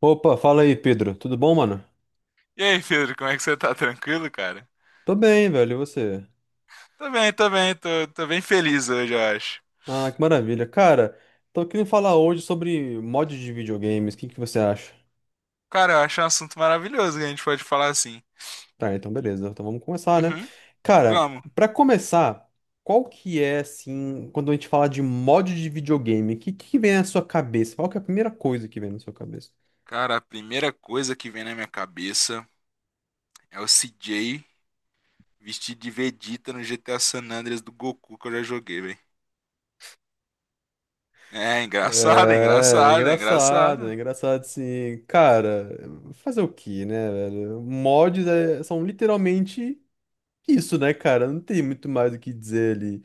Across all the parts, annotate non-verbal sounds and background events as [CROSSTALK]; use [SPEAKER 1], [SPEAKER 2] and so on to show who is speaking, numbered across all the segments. [SPEAKER 1] Opa, fala aí, Pedro. Tudo bom, mano?
[SPEAKER 2] E aí, Pedro, como é que você tá? Tranquilo, cara?
[SPEAKER 1] Tô bem, velho. E você?
[SPEAKER 2] Tô bem feliz hoje, eu acho.
[SPEAKER 1] Ah, que maravilha. Cara, tô querendo falar hoje sobre mods de videogames. O que que você acha?
[SPEAKER 2] Cara, eu acho um assunto maravilhoso que a gente pode falar assim.
[SPEAKER 1] Tá, então beleza. Então vamos começar, né?
[SPEAKER 2] Uhum,
[SPEAKER 1] Cara,
[SPEAKER 2] vamos.
[SPEAKER 1] pra começar, qual que é, assim, quando a gente fala de mod de videogame, o que que vem na sua cabeça? Qual que é a primeira coisa que vem na sua cabeça?
[SPEAKER 2] Cara, a primeira coisa que vem na minha cabeça é o CJ vestido de Vegeta no GTA San Andreas do Goku que eu já joguei, velho. É engraçado, é
[SPEAKER 1] É,
[SPEAKER 2] engraçado, é
[SPEAKER 1] é
[SPEAKER 2] engraçado.
[SPEAKER 1] engraçado sim. Cara, fazer o quê, né, velho? Mods são literalmente isso, né, cara? Não tem muito mais o que dizer ali.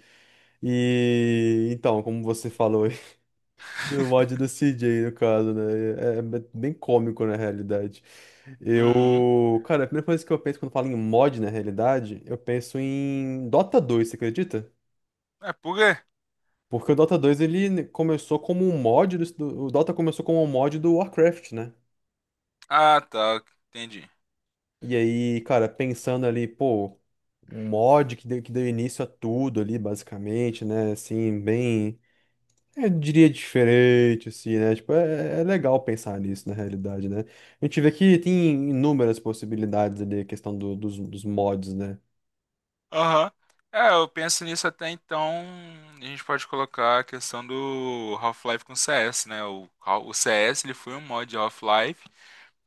[SPEAKER 1] E então, como você falou aí, [LAUGHS] do mod
[SPEAKER 2] [LAUGHS]
[SPEAKER 1] do CJ, no caso, né? É bem cômico na realidade.
[SPEAKER 2] Uhum.
[SPEAKER 1] Eu, cara, a primeira coisa que eu penso quando falo em mod na realidade, eu penso em Dota 2, você acredita?
[SPEAKER 2] É por quê?
[SPEAKER 1] Porque o Dota 2, ele começou como um mod o Dota começou como um mod do Warcraft, né?
[SPEAKER 2] Ah, tá, entendi.
[SPEAKER 1] E aí, cara, pensando ali, pô, um mod que deu início a tudo ali, basicamente, né? Assim, bem. É, eu diria diferente, assim, né? Tipo, é legal pensar nisso, na realidade, né? A gente vê que tem inúmeras possibilidades ali, a questão dos mods, né?
[SPEAKER 2] Aham. É, eu penso nisso até então. A gente pode colocar a questão do Half-Life com CS, né? O CS ele foi um mod de Half-Life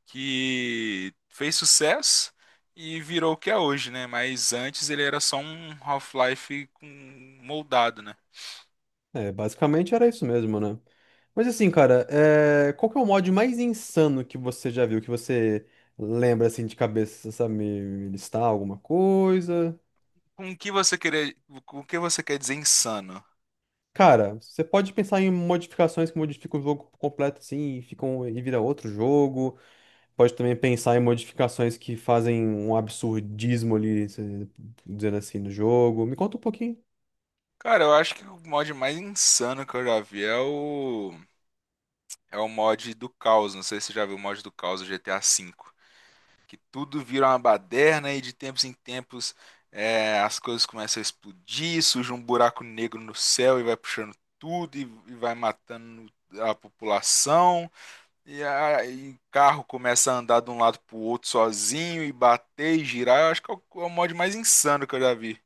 [SPEAKER 2] que fez sucesso e virou o que é hoje, né? Mas antes ele era só um Half-Life com- moldado, né?
[SPEAKER 1] É, basicamente era isso mesmo, né? Mas assim, cara, é, qual que é o mod mais insano que você já viu, que você lembra, assim, de cabeça? Você sabe me listar alguma coisa?
[SPEAKER 2] Com o que você querer, com o que você quer dizer insano?
[SPEAKER 1] Cara, você pode pensar em modificações que modificam o jogo por completo, assim, e ficam, e vira outro jogo. Pode também pensar em modificações que fazem um absurdismo ali, dizendo assim, no jogo. Me conta um pouquinho.
[SPEAKER 2] Cara, eu acho que o mod mais insano que eu já vi é o é o mod do Caos. Não sei se você já viu o mod do Caos do GTA V, que tudo vira uma baderna e de tempos em tempos, as coisas começam a explodir, surge um buraco negro no céu e vai puxando tudo, e vai matando a população e a, o carro começa a andar de um lado pro outro sozinho e bater e girar. Eu acho que é é o mod mais insano que eu já vi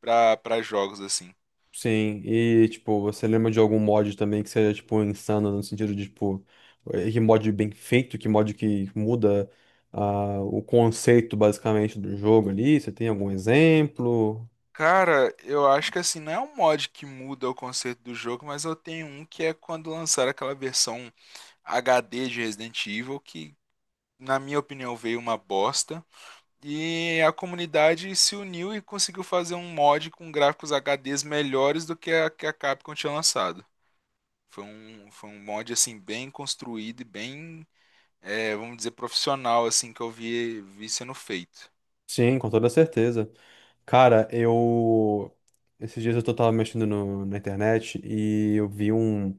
[SPEAKER 2] pra jogos assim.
[SPEAKER 1] Sim, e tipo, você lembra de algum mod também que seja, tipo, insano no sentido de, tipo, que mod bem feito, que mod que muda, ah, o conceito basicamente do jogo ali? Você tem algum exemplo?
[SPEAKER 2] Cara, eu acho que assim, não é um mod que muda o conceito do jogo, mas eu tenho um que é quando lançaram aquela versão HD de Resident Evil que, na minha opinião, veio uma bosta. E a comunidade se uniu e conseguiu fazer um mod com gráficos HDs melhores do que a Capcom tinha lançado. Foi foi um mod assim bem construído e bem, vamos dizer, profissional, assim, que eu vi, vi sendo feito.
[SPEAKER 1] Sim, com toda certeza. Cara, eu. Esses dias eu tava mexendo na internet e eu vi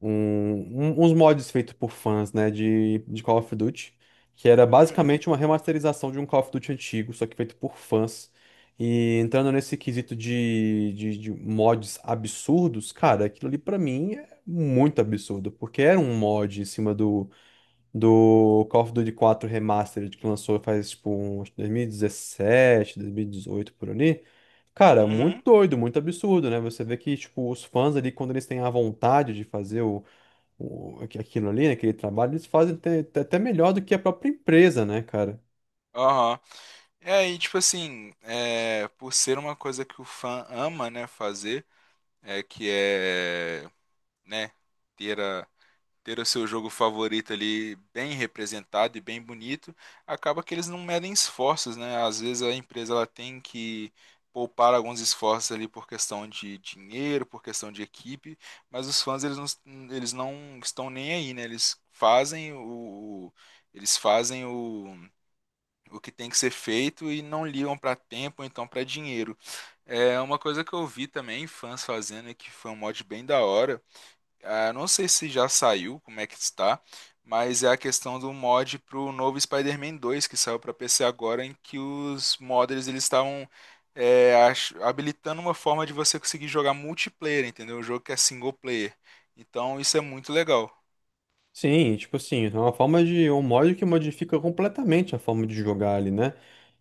[SPEAKER 1] um- uns mods feitos por fãs, né, de Call of Duty, que era
[SPEAKER 2] Uhum,
[SPEAKER 1] basicamente uma remasterização de um Call of Duty antigo, só que feito por fãs. E entrando nesse quesito de mods absurdos, cara, aquilo ali pra mim é muito absurdo, porque era um mod em cima do Call of Duty 4 Remastered que lançou faz tipo um, acho que 2017, 2018 por ali. Cara, muito
[SPEAKER 2] uhum.
[SPEAKER 1] doido, muito absurdo, né? Você vê que, tipo, os fãs ali, quando eles têm a vontade de fazer aquilo ali, né, aquele trabalho, eles fazem até melhor do que a própria empresa, né, cara?
[SPEAKER 2] Aham. E aí, tipo assim, por ser uma coisa que o fã ama, né, fazer, é que é, né, ter ter o seu jogo favorito ali bem representado e bem bonito, acaba que eles não medem esforços, né? Às vezes a empresa ela tem que poupar alguns esforços ali por questão de dinheiro, por questão de equipe, mas os fãs, eles não estão nem aí, né? Eles fazem o que tem que ser feito e não ligam para tempo, ou então para dinheiro. É uma coisa que eu vi também fãs fazendo e que foi um mod bem da hora. Ah, não sei se já saiu, como é que está, mas é a questão do mod pro novo Spider-Man 2 que saiu para PC agora, em que os modders eles estavam, habilitando uma forma de você conseguir jogar multiplayer, entendeu? Um jogo que é single player. Então isso é muito legal.
[SPEAKER 1] Sim, tipo assim, é uma forma de um mod que modifica completamente a forma de jogar ali, né?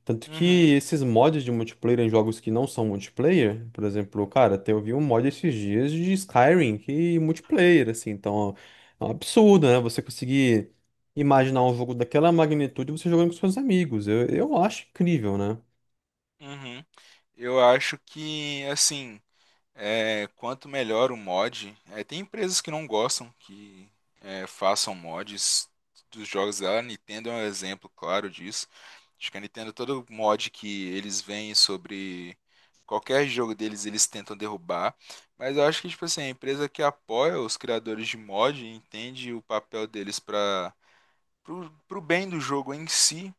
[SPEAKER 1] Tanto que
[SPEAKER 2] Uhum,
[SPEAKER 1] esses mods de multiplayer em jogos que não são multiplayer, por exemplo, cara, até eu vi um mod esses dias de Skyrim que multiplayer, assim, então é um absurdo, né? Você conseguir imaginar um jogo daquela magnitude você jogando com seus amigos. Eu acho incrível, né?
[SPEAKER 2] uhum. Eu acho que assim, quanto melhor o mod, tem empresas que não gostam que, façam mods dos jogos dela. A Nintendo é um exemplo claro disso. Acho que a Nintendo, todo mod que eles veem sobre qualquer jogo deles, eles tentam derrubar. Mas eu acho que, tipo assim, a empresa que apoia os criadores de mod entende o papel deles para pro bem do jogo em si,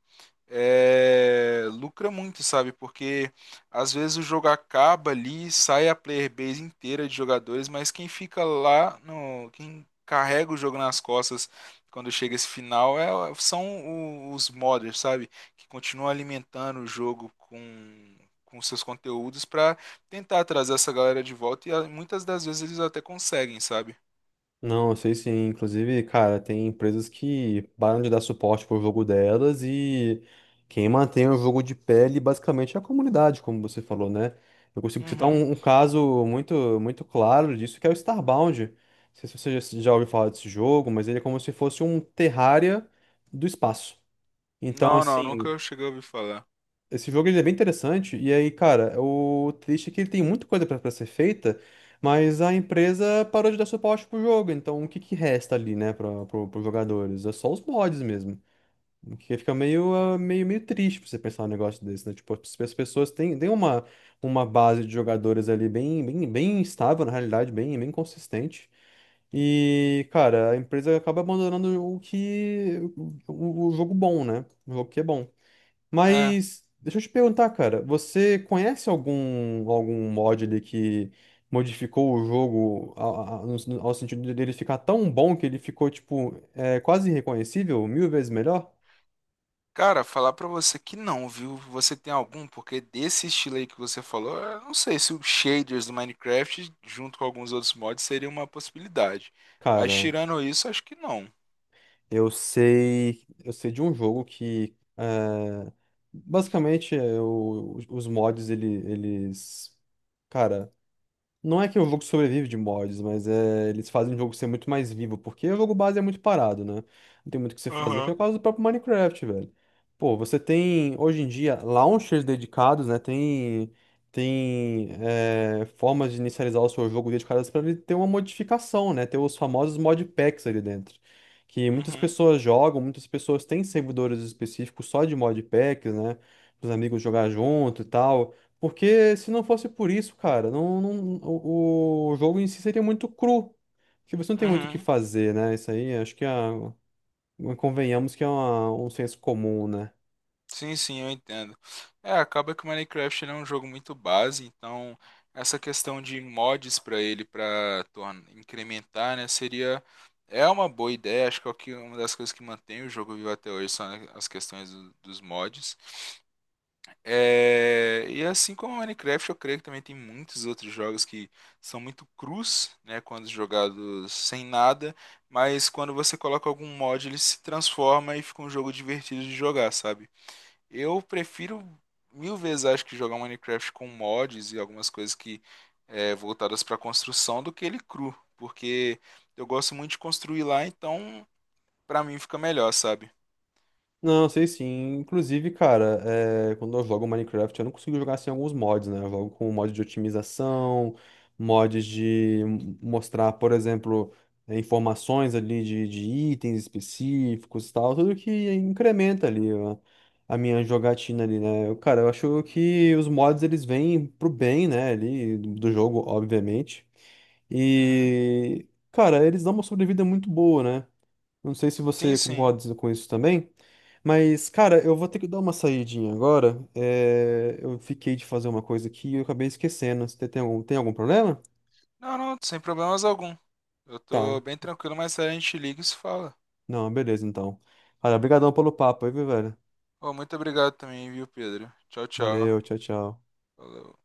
[SPEAKER 2] lucra muito, sabe? Porque às vezes o jogo acaba ali, sai a player base inteira de jogadores, mas quem fica lá no, quem carrega o jogo nas costas quando chega esse final, são os modders, sabe? Que continuam alimentando o jogo com seus conteúdos para tentar trazer essa galera de volta e, ah, muitas das vezes eles até conseguem, sabe?
[SPEAKER 1] Não, eu sei sim. Inclusive, cara, tem empresas que param de dar suporte pro jogo delas e quem mantém o jogo de pé ali basicamente é a comunidade, como você falou, né? Eu consigo citar
[SPEAKER 2] Uhum.
[SPEAKER 1] um caso muito, muito claro disso, que é o Starbound. Não sei se você já ouviu falar desse jogo, mas ele é como se fosse um Terraria do espaço. Então,
[SPEAKER 2] Não, não,
[SPEAKER 1] assim,
[SPEAKER 2] nunca cheguei a ouvir falar.
[SPEAKER 1] esse jogo ele é bem interessante, e aí, cara, o triste é que ele tem muita coisa pra ser feita, mas a empresa parou de dar suporte pro jogo, então o que que resta ali, né, pros jogadores? É só os mods mesmo. O que fica meio, ah, meio, meio triste pra você pensar um negócio desse, né? Tipo, as pessoas têm uma base de jogadores ali bem, bem, bem estável, na realidade, bem, bem consistente. E, cara, a empresa acaba abandonando o que, o jogo bom, né? O jogo que é bom.
[SPEAKER 2] É,
[SPEAKER 1] Mas deixa eu te perguntar, cara, você conhece algum mod ali que modificou o jogo a- no sen- ao sentido dele ficar tão bom que ele ficou tipo, é, quase irreconhecível, mil vezes melhor?
[SPEAKER 2] Cara, falar pra você que não, viu? Você tem algum? Porque desse estilo aí que você falou, eu não sei se os shaders do Minecraft, junto com alguns outros mods, seria uma possibilidade. Mas
[SPEAKER 1] Cara,
[SPEAKER 2] tirando isso, acho que não.
[SPEAKER 1] eu sei de um jogo que é, basicamente é, os mods eles, cara, não é que o jogo sobrevive de mods, mas é, eles fazem o jogo ser muito mais vivo, porque o jogo base é muito parado, né? Não tem muito o que você fazer, que é
[SPEAKER 2] Aham.
[SPEAKER 1] o caso do próprio Minecraft, velho. Pô, você tem, hoje em dia, launchers dedicados, né? Tem é, formas de inicializar o seu jogo dedicadas para ele ter uma modificação, né? Ter os famosos modpacks ali dentro. Que muitas
[SPEAKER 2] Uhum.
[SPEAKER 1] pessoas jogam, muitas pessoas têm servidores específicos só de modpacks, né? Para os amigos jogar junto e tal. Porque se não fosse por isso, cara, o jogo em si seria muito cru. Porque você não tem muito o que
[SPEAKER 2] Uhum.
[SPEAKER 1] fazer, né? Isso aí, acho que é, convenhamos que é um senso comum, né?
[SPEAKER 2] Sim, sim, eu entendo. É, acaba que o Minecraft ele é um jogo muito base, então essa questão de mods pra ele, para torn- incrementar, né, seria. É uma boa ideia, acho que é o que- uma das coisas que mantém o jogo vivo até hoje são as questões dos mods. É, e assim como Minecraft, eu creio que também tem muitos outros jogos que são muito crus, né, quando jogados sem nada, mas quando você coloca algum mod, ele se transforma e fica um jogo divertido de jogar, sabe? Eu prefiro 1.000 vezes, acho que jogar Minecraft com mods e algumas coisas que, voltadas para construção, do que ele cru, porque eu gosto muito de construir lá, então pra mim fica melhor, sabe?
[SPEAKER 1] Não, sei sim. Inclusive, cara, é, quando eu jogo Minecraft, eu não consigo jogar sem alguns mods, né? Eu jogo com mod de otimização, mods de mostrar, por exemplo, é, informações ali de itens específicos e tal, tudo que incrementa ali a minha jogatina ali, né? Eu, cara, eu acho que os mods eles vêm pro bem, né, ali do jogo, obviamente.
[SPEAKER 2] Uhum.
[SPEAKER 1] E, cara, eles dão uma sobrevida muito boa, né? Não sei se
[SPEAKER 2] Sim,
[SPEAKER 1] você
[SPEAKER 2] sim.
[SPEAKER 1] concorda com isso também, mas, cara, eu vou ter que dar uma saidinha agora. É, eu fiquei de fazer uma coisa aqui e eu acabei esquecendo. Você tem algum problema?
[SPEAKER 2] Não, não, sem problemas algum. Eu
[SPEAKER 1] Tá.
[SPEAKER 2] tô bem tranquilo, mas a gente liga e se fala.
[SPEAKER 1] Não, beleza, então. Cara, obrigadão pelo papo aí, viu, velho?
[SPEAKER 2] Ô, muito obrigado também, viu, Pedro? Tchau, tchau.
[SPEAKER 1] Valeu, tchau, tchau.
[SPEAKER 2] Falou.